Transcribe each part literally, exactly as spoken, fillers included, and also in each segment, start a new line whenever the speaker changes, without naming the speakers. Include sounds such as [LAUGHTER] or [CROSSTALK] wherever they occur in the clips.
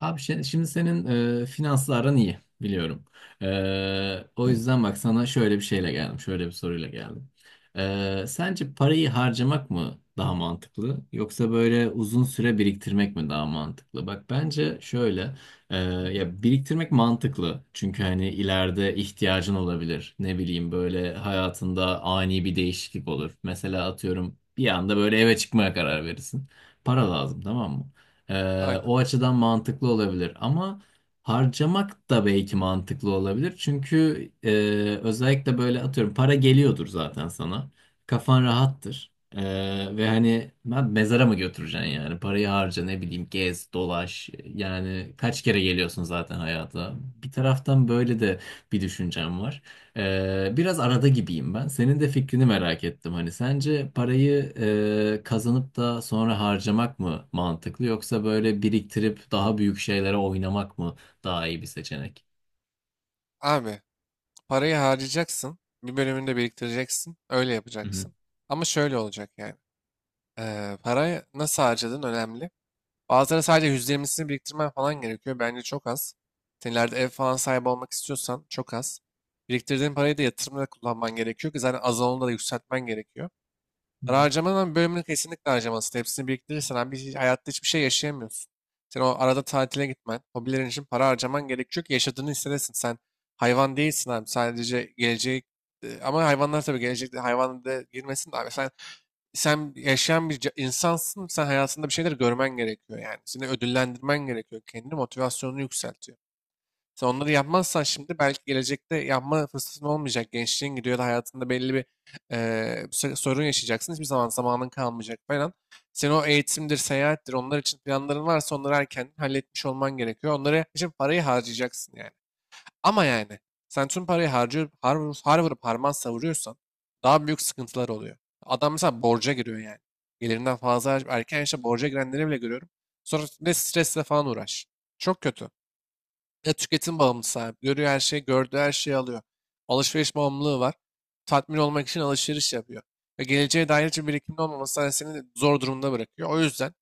Abi şey- şimdi senin e, finansların iyi biliyorum. E, o yüzden bak sana şöyle bir şeyle geldim. Şöyle bir soruyla geldim. E, sence parayı harcamak mı daha mantıklı yoksa böyle uzun süre biriktirmek mi daha mantıklı? Bak bence şöyle e, ya biriktirmek mantıklı. Çünkü hani ileride ihtiyacın olabilir. Ne bileyim böyle hayatında ani bir değişiklik olur. Mesela atıyorum bir anda böyle eve çıkmaya karar verirsin. Para lazım, tamam mı? Ee,
Aynen.
o açıdan mantıklı olabilir ama harcamak da belki mantıklı olabilir. Çünkü e, özellikle böyle atıyorum para geliyordur zaten sana. Kafan rahattır. Ee, ve hani ben mezara mı götüreceksin yani? Parayı harca, ne bileyim, gez, dolaş. Yani kaç kere geliyorsun zaten hayata. Bir taraftan böyle de bir düşüncem var. Ee, biraz arada gibiyim ben. Senin de fikrini merak ettim. Hani sence parayı e, kazanıp da sonra harcamak mı mantıklı yoksa böyle biriktirip daha büyük şeylere oynamak mı daha iyi bir seçenek?
Abi parayı harcayacaksın. Bir bölümünü de biriktireceksin. Öyle
Hı
yapacaksın. Ama şöyle olacak yani. Ee, parayı nasıl harcadığın önemli. Bazıları sadece yüzde yirmisini biriktirmen falan gerekiyor. Bence çok az. Sen ileride ev falan sahibi olmak istiyorsan çok az. Biriktirdiğin parayı da yatırımda kullanman gerekiyor ki zaten az olanı da yükseltmen gerekiyor.
hı.
Harcamanın bölümünü kesinlikle harcamalısın. Hepsini biriktirirsen abi hiç- hayatta hiçbir şey yaşayamıyorsun. Sen o arada tatile gitmen, hobilerin için para harcaman gerekiyor ki yaşadığını hissedesin. Sen hayvan değilsin abi. Sadece gelecek e, ama hayvanlar tabii gelecekte hayvan da girmesin de abi. Sen sen yaşayan bir ca- insansın. Sen hayatında bir şeyler görmen gerekiyor yani. Seni ödüllendirmen gerekiyor. Kendi motivasyonunu yükseltiyor. Sen onları yapmazsan şimdi belki gelecekte yapma fırsatın olmayacak. Gençliğin gidiyor da hayatında belli bir eee, so- sorun yaşayacaksın. Hiçbir zaman zamanın kalmayacak falan. Senin o eğitimdir, seyahattir, onlar için planların varsa onları erken halletmiş olman gerekiyor. Onlara için parayı harcayacaksın yani. Ama yani sen tüm parayı harcıyor, har, har vurup harman savuruyorsan daha büyük sıkıntılar oluyor. Adam mesela borca giriyor yani. Gelirinden fazla harcayıp erken yaşta borca girenleri bile görüyorum. Sonra ne stresle falan uğraş. Çok kötü. Ya tüketim bağımlısı abi. Görüyor her şeyi, gördüğü her şeyi alıyor. Alışveriş bağımlılığı var. Tatmin olmak için alışveriş yapıyor. Ve geleceğe dair hiçbir birikimin olmaması hani seni zor durumda bırakıyor. O yüzden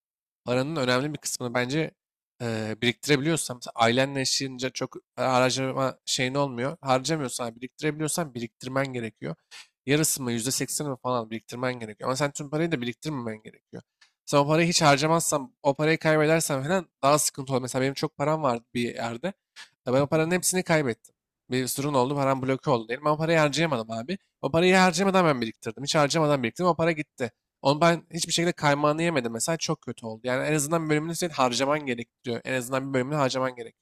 paranın önemli bir kısmını bence eee biriktirebiliyorsan, mesela ailenle yaşayınca çok e, harcama şeyin olmuyor. Harcamıyorsan, biriktirebiliyorsan biriktirmen gerekiyor. Yarısı mı, yüzde seksen mi falan biriktirmen gerekiyor. Ama sen tüm parayı da biriktirmemen gerekiyor. Sen o parayı hiç harcamazsan, o parayı kaybedersen falan daha sıkıntı olur. Mesela benim çok param vardı bir yerde. Ya ben o paranın hepsini kaybettim. Bir sorun oldu, param bloke oldu diyelim. Ben o parayı harcayamadım abi. O parayı harcamadan ben biriktirdim. Hiç harcamadan biriktirdim, o para gitti. Onu ben hiçbir şekilde kaymağını yemedim. Mesela çok kötü oldu. Yani en azından bir bölümünü senin harcaman gerekiyor. En azından bir bölümünü harcaman gerek.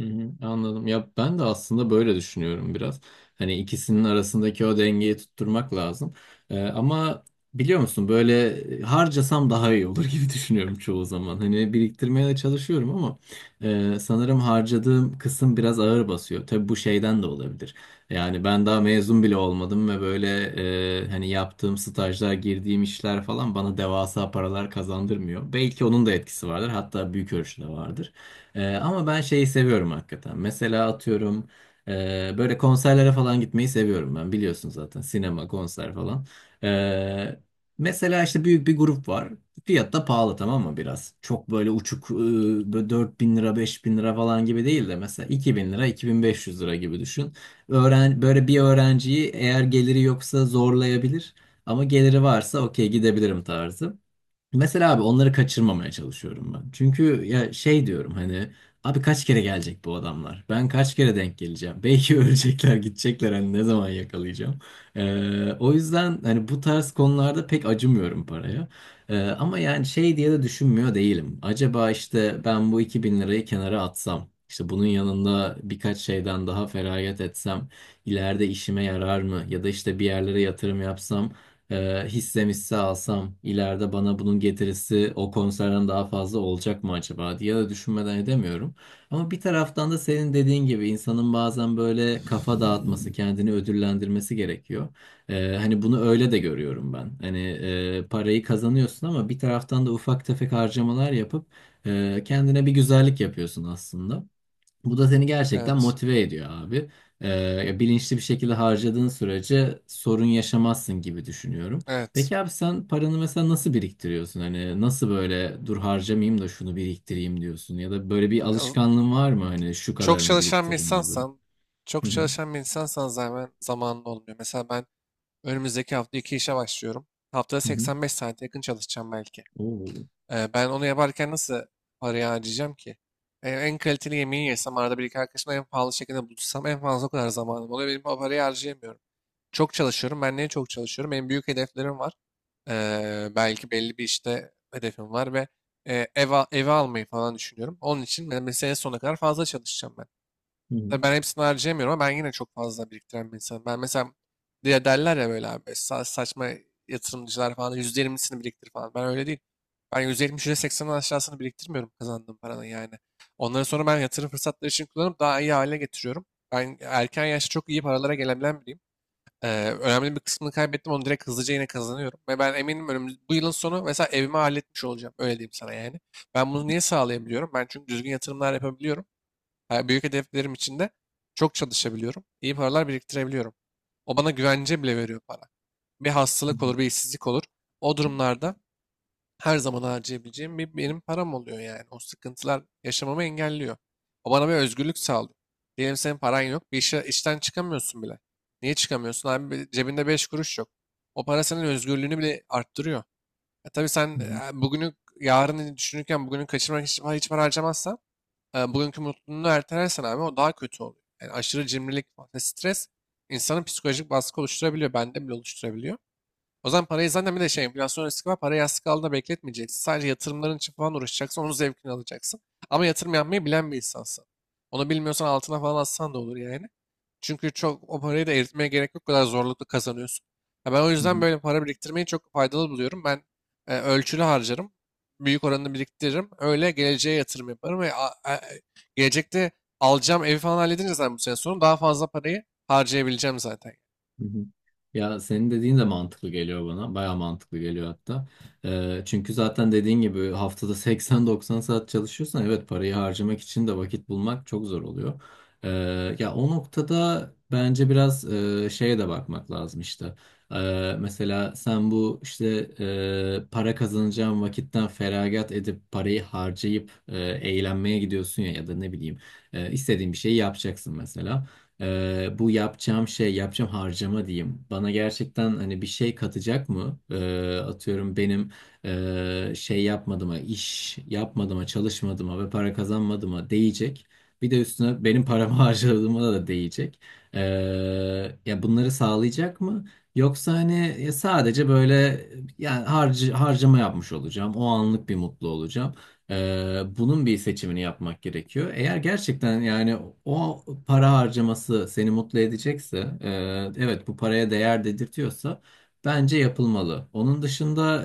Hı hı, anladım. Ya ben de aslında böyle düşünüyorum biraz. Hani ikisinin arasındaki o dengeyi tutturmak lazım. Ee, ama biliyor musun, böyle harcasam daha iyi olur [LAUGHS] gibi düşünüyorum çoğu zaman. Hani biriktirmeye de çalışıyorum ama e, sanırım harcadığım kısım biraz ağır basıyor. Tabii bu şeyden de olabilir. Yani ben daha mezun bile olmadım ve böyle e, hani yaptığım stajlar, girdiğim işler falan bana devasa paralar kazandırmıyor. Belki onun da etkisi vardır. Hatta büyük ölçüde vardır. Ee, ama ben şeyi seviyorum hakikaten. Mesela atıyorum e, böyle konserlere falan gitmeyi seviyorum ben. Biliyorsun zaten, sinema, konser falan. Ee, Mesela işte büyük bir grup var. Fiyat da pahalı, tamam mı, biraz? Çok böyle uçuk, e, böyle dört bin lira beş bin lira falan gibi değil de mesela iki bin lira iki bin beş yüz lira gibi düşün. Öğren, böyle bir öğrenciyi eğer geliri yoksa zorlayabilir. Ama geliri varsa okey gidebilirim tarzı. Mesela abi onları kaçırmamaya çalışıyorum ben. Çünkü ya şey diyorum hani, abi kaç kere gelecek bu adamlar? Ben kaç kere denk geleceğim? Belki [LAUGHS] ölecekler, gidecekler, hani ne zaman yakalayacağım? Ee, o yüzden hani bu tarz konularda pek acımıyorum paraya. Ee, ama yani şey diye de düşünmüyor değilim. Acaba işte ben bu iki bin lirayı kenara atsam, işte bunun yanında birkaç şeyden daha feragat etsem, ileride işime yarar mı? Ya da işte bir yerlere yatırım yapsam e, hisse alsam ileride bana bunun getirisi o konserden daha fazla olacak mı acaba diye de düşünmeden edemiyorum. Ama bir taraftan da senin dediğin gibi insanın bazen böyle kafa dağıtması, kendini ödüllendirmesi gerekiyor. E, hani bunu öyle de görüyorum ben. Hani e, parayı kazanıyorsun ama bir taraftan da ufak tefek harcamalar yapıp e, kendine bir güzellik yapıyorsun aslında. Bu da seni gerçekten
Evet,
motive ediyor abi. Ee, bilinçli bir şekilde harcadığın sürece sorun yaşamazsın gibi düşünüyorum.
evet.
Peki abi, sen paranı mesela nasıl biriktiriyorsun? Hani nasıl böyle, dur harcamayayım da şunu biriktireyim diyorsun? Ya da böyle bir
Az-
alışkanlığın var mı? Hani şu
Çok
kadarını
çalışan bir
biriktiririm gibi.
insansan,
Hı
çok
hı.
çalışan bir insansan zaten zamanın olmuyor. Mesela ben önümüzdeki hafta iki işe başlıyorum. Haftada
Hı hı.
seksen beş saate yakın çalışacağım belki.
Oo.
Ee, ben onu yaparken nasıl parayı harcayacağım ki? En, en kaliteli yemeği yesem, arada bir iki arkadaşımla en pahalı şekilde buluşsam en fazla o kadar zamanım oluyor. Benim o parayı harcayamıyorum. Çok çalışıyorum. Ben niye çok çalışıyorum? Benim büyük hedeflerim var. Ee, belki belli bir işte hedefim var ve e, ev, al- evi almayı falan düşünüyorum. Onun için ben mesela sene sonuna kadar fazla çalışacağım ben.
Hı hı.
Tabii ben hepsini harcayamıyorum ama ben yine çok fazla biriktiren bir insanım. Ben mesela diye derler ya böyle abi sa- saçma yatırımcılar falan yüzde yirmisini biriktir falan. Ben öyle değil. Ben yüzde yetmiş, seksenin aşağısını biriktirmiyorum kazandığım paranın yani. Onları sonra ben yatırım fırsatları için kullanıp daha iyi hale getiriyorum. Ben erken yaşta çok iyi paralara gelebilen biriyim. Ee, önemli bir kısmını kaybettim onu direkt hızlıca yine kazanıyorum. Ve ben eminim önümüz, bu yılın sonu mesela evimi halletmiş olacağım. Öyle diyeyim sana yani. Ben bunu niye sağlayabiliyorum? Ben çünkü düzgün yatırımlar yapabiliyorum. Ha, büyük hedeflerim için de çok çalışabiliyorum. İyi paralar biriktirebiliyorum. O bana güvence bile veriyor para. Bir
Hı
hastalık
hı.
olur, bir işsizlik olur. O durumlarda her zaman harcayabileceğim bir benim param oluyor yani. O sıkıntılar yaşamamı engelliyor. O bana bir özgürlük sağlıyor. Diyelim senin paran yok, bir işe, işten çıkamıyorsun bile. Niye çıkamıyorsun? Abi bir- cebinde beş kuruş yok. O para senin özgürlüğünü bile arttırıyor. E tabii sen
Hı hı.
e, bugünü, yarını düşünürken bugünü kaçırmak için hiç para harcamazsan e, bugünkü mutluluğunu ertelersen abi o daha kötü oluyor. Yani aşırı cimrilik ve stres insanın psikolojik baskı oluşturabiliyor. Bende bile oluşturabiliyor. O zaman parayı zaten bir de şey enflasyon riski var. Parayı yastık altında bekletmeyeceksin. Sadece yatırımların için falan uğraşacaksın. Onun zevkini alacaksın. Ama yatırım yapmayı bilen bir insansın. Onu bilmiyorsan altına falan atsan da olur yani. Çünkü çok o parayı da eritmeye gerek yok. O kadar zorlukla kazanıyorsun. Ya ben o
Hı
yüzden
hı.
böyle para biriktirmeyi çok faydalı buluyorum. Ben e, ölçülü harcarım. Büyük oranını biriktiririm. Öyle geleceğe yatırım yaparım ve a- a- gelecekte alacağım evi falan halledince zaten bu sene sonra daha fazla parayı harcayabileceğim zaten.
Hı hı. Ya senin dediğin de mantıklı geliyor bana. Baya mantıklı geliyor hatta. Ee, çünkü zaten dediğin gibi haftada seksen doksan saat çalışıyorsan, evet, parayı harcamak için de vakit bulmak çok zor oluyor. Ee, ya o noktada bence biraz e, şeye de bakmak lazım işte. Ee, mesela sen bu işte e, para kazanacağın vakitten feragat edip parayı harcayıp e, eğlenmeye gidiyorsun ya, ya da ne bileyim e, istediğin bir şeyi yapacaksın mesela. Ee, bu yapacağım şey, yapacağım harcama diyeyim, bana gerçekten hani bir şey katacak mı? Ee, atıyorum benim ee, şey yapmadığıma, iş yapmadığıma, çalışmadığıma ve para kazanmadığıma değecek. Bir de üstüne benim paramı [LAUGHS] harcadığıma da değecek. Ee, Ya bunları sağlayacak mı? Yoksa hani ya sadece böyle yani harc harcama yapmış olacağım. O anlık bir mutlu olacağım. Ee, bunun bir seçimini yapmak gerekiyor. Eğer gerçekten yani o para harcaması seni mutlu edecekse, e, evet bu paraya değer dedirtiyorsa bence yapılmalı. Onun dışında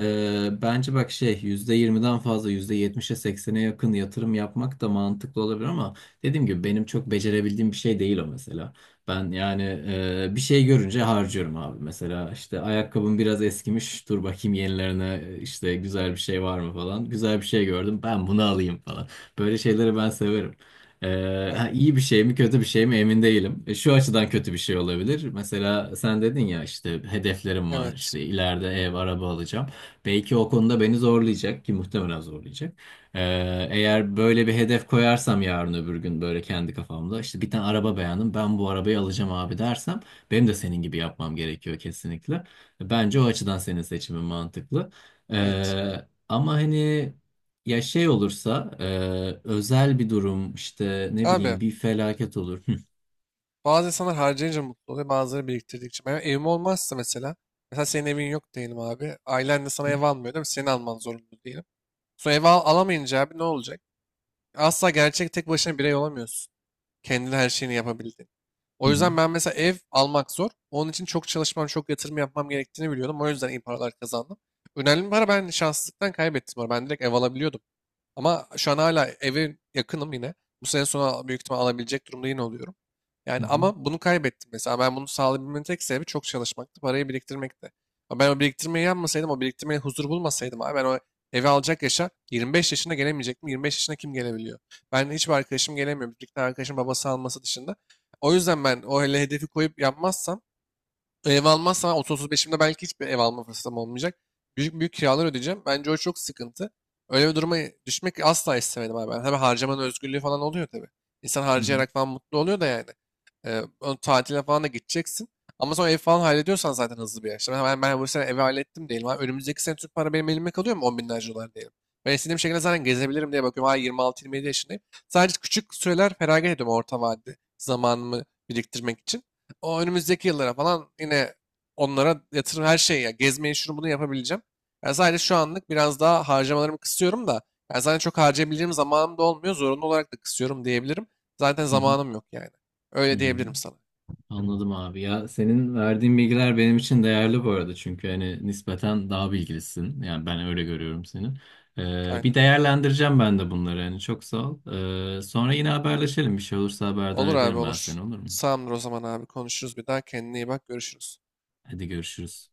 e, bence bak şey yüzde yirmiden fazla yüzde yetmişe seksen'e yakın yatırım yapmak da mantıklı olabilir ama dediğim gibi benim çok becerebildiğim bir şey değil o mesela. Ben yani e, bir şey görünce harcıyorum abi. Mesela işte ayakkabım biraz eskimiş. Dur bakayım yenilerine, e, işte güzel bir şey var mı falan. Güzel bir şey gördüm. Ben bunu alayım falan. Böyle şeyleri ben severim. E, ha,
Aynen.
iyi bir şey mi kötü bir şey mi emin değilim. E, şu açıdan kötü bir şey olabilir. Mesela sen dedin ya, işte hedeflerim var.
Evet.
İşte ileride ev, araba alacağım. Belki o konuda beni zorlayacak ki muhtemelen zorlayacak. Ee, eğer böyle bir hedef koyarsam, yarın öbür gün böyle kendi kafamda işte bir tane araba beğendim, ben bu arabayı alacağım abi dersem, benim de senin gibi yapmam gerekiyor kesinlikle. Bence o açıdan senin seçimin mantıklı.
Evet.
Ee, ama hani ya şey olursa, e, özel bir durum işte, ne
Abi
bileyim bir felaket olur. Hı
bazı insanlar harcayınca mutlu oluyor, bazıları biriktirdikçe. Benim evim olmazsa mesela, mesela senin evin yok diyelim abi. Ailen de sana ev almıyor değil mi? Senin alman zorunda diyelim. Sonra ev al- alamayınca abi ne olacak? Asla gerçek tek başına birey olamıyorsun. Kendine her şeyini yapabildin. O
hı
yüzden ben mesela ev almak zor. Onun için çok çalışmam, çok yatırım yapmam gerektiğini biliyordum. O yüzden iyi paralar kazandım. Önemli bir para ben şanssızlıktan kaybettim orada. Ben direkt ev alabiliyordum. Ama şu an hala eve yakınım yine. Bu sene sonu büyük ihtimal alabilecek durumda yine oluyorum.
hı
Yani
hı
ama bunu kaybettim mesela. Ben bunu sağlayabilmemin tek sebebi çok çalışmaktı. Parayı biriktirmekti. Ama ben o biriktirmeyi yapmasaydım, o biriktirmeye huzur bulmasaydım abi ben o evi alacak yaşa yirmi beş yaşında gelemeyecektim. yirmi beş yaşına kim gelebiliyor? Ben hiçbir arkadaşım gelemiyor. Bir iki tane arkadaşım babası alması dışında. O yüzden ben o hele hedefi koyup yapmazsam ev almazsam otuz beşimde belki hiçbir ev alma fırsatım olmayacak. Büyük büyük kiralar ödeyeceğim. Bence o çok sıkıntı. Öyle bir duruma düşmek asla istemedim abi. Ben. Tabii harcamanın özgürlüğü falan oluyor tabii. İnsan
hı
harcayarak falan mutlu oluyor da yani. Ee, o tatile falan da gideceksin. Ama sonra ev falan hallediyorsan zaten hızlı bir yaşta. Ben, ben bu sene evi hallettim diyelim abi. Önümüzdeki sene Türk para benim elime kalıyor mu? on binlerce dolar diyelim. Ben istediğim şekilde zaten gezebilirim diye bakıyorum. Hala yirmi altı yirmi yedi yaşındayım. Sadece küçük süreler feragat ediyorum orta vadede zamanımı biriktirmek için. O önümüzdeki yıllara falan yine onlara yatırım her şeyi ya gezmeyi şunu bunu yapabileceğim. Yani sadece şu anlık biraz daha harcamalarımı kısıyorum da yani zaten çok harcayabileceğim zamanım da olmuyor. Zorunlu olarak da kısıyorum diyebilirim. Zaten
hı hı
zamanım yok yani.
hı
Öyle
hı.
diyebilirim sana.
Anladım abi, ya senin verdiğin bilgiler benim için değerli bu arada, çünkü hani nispeten daha bilgilisin, yani ben öyle görüyorum seni. Ee, bir
Aynen.
değerlendireceğim ben de bunları, yani çok sağ ol. Ee, sonra yine haberleşelim, bir şey olursa haberdar
Olur abi
ederim ben
olur.
seni, olur mu?
Sağımdır o zaman abi. Konuşuruz bir daha. Kendine iyi bak. Görüşürüz.
Hadi görüşürüz.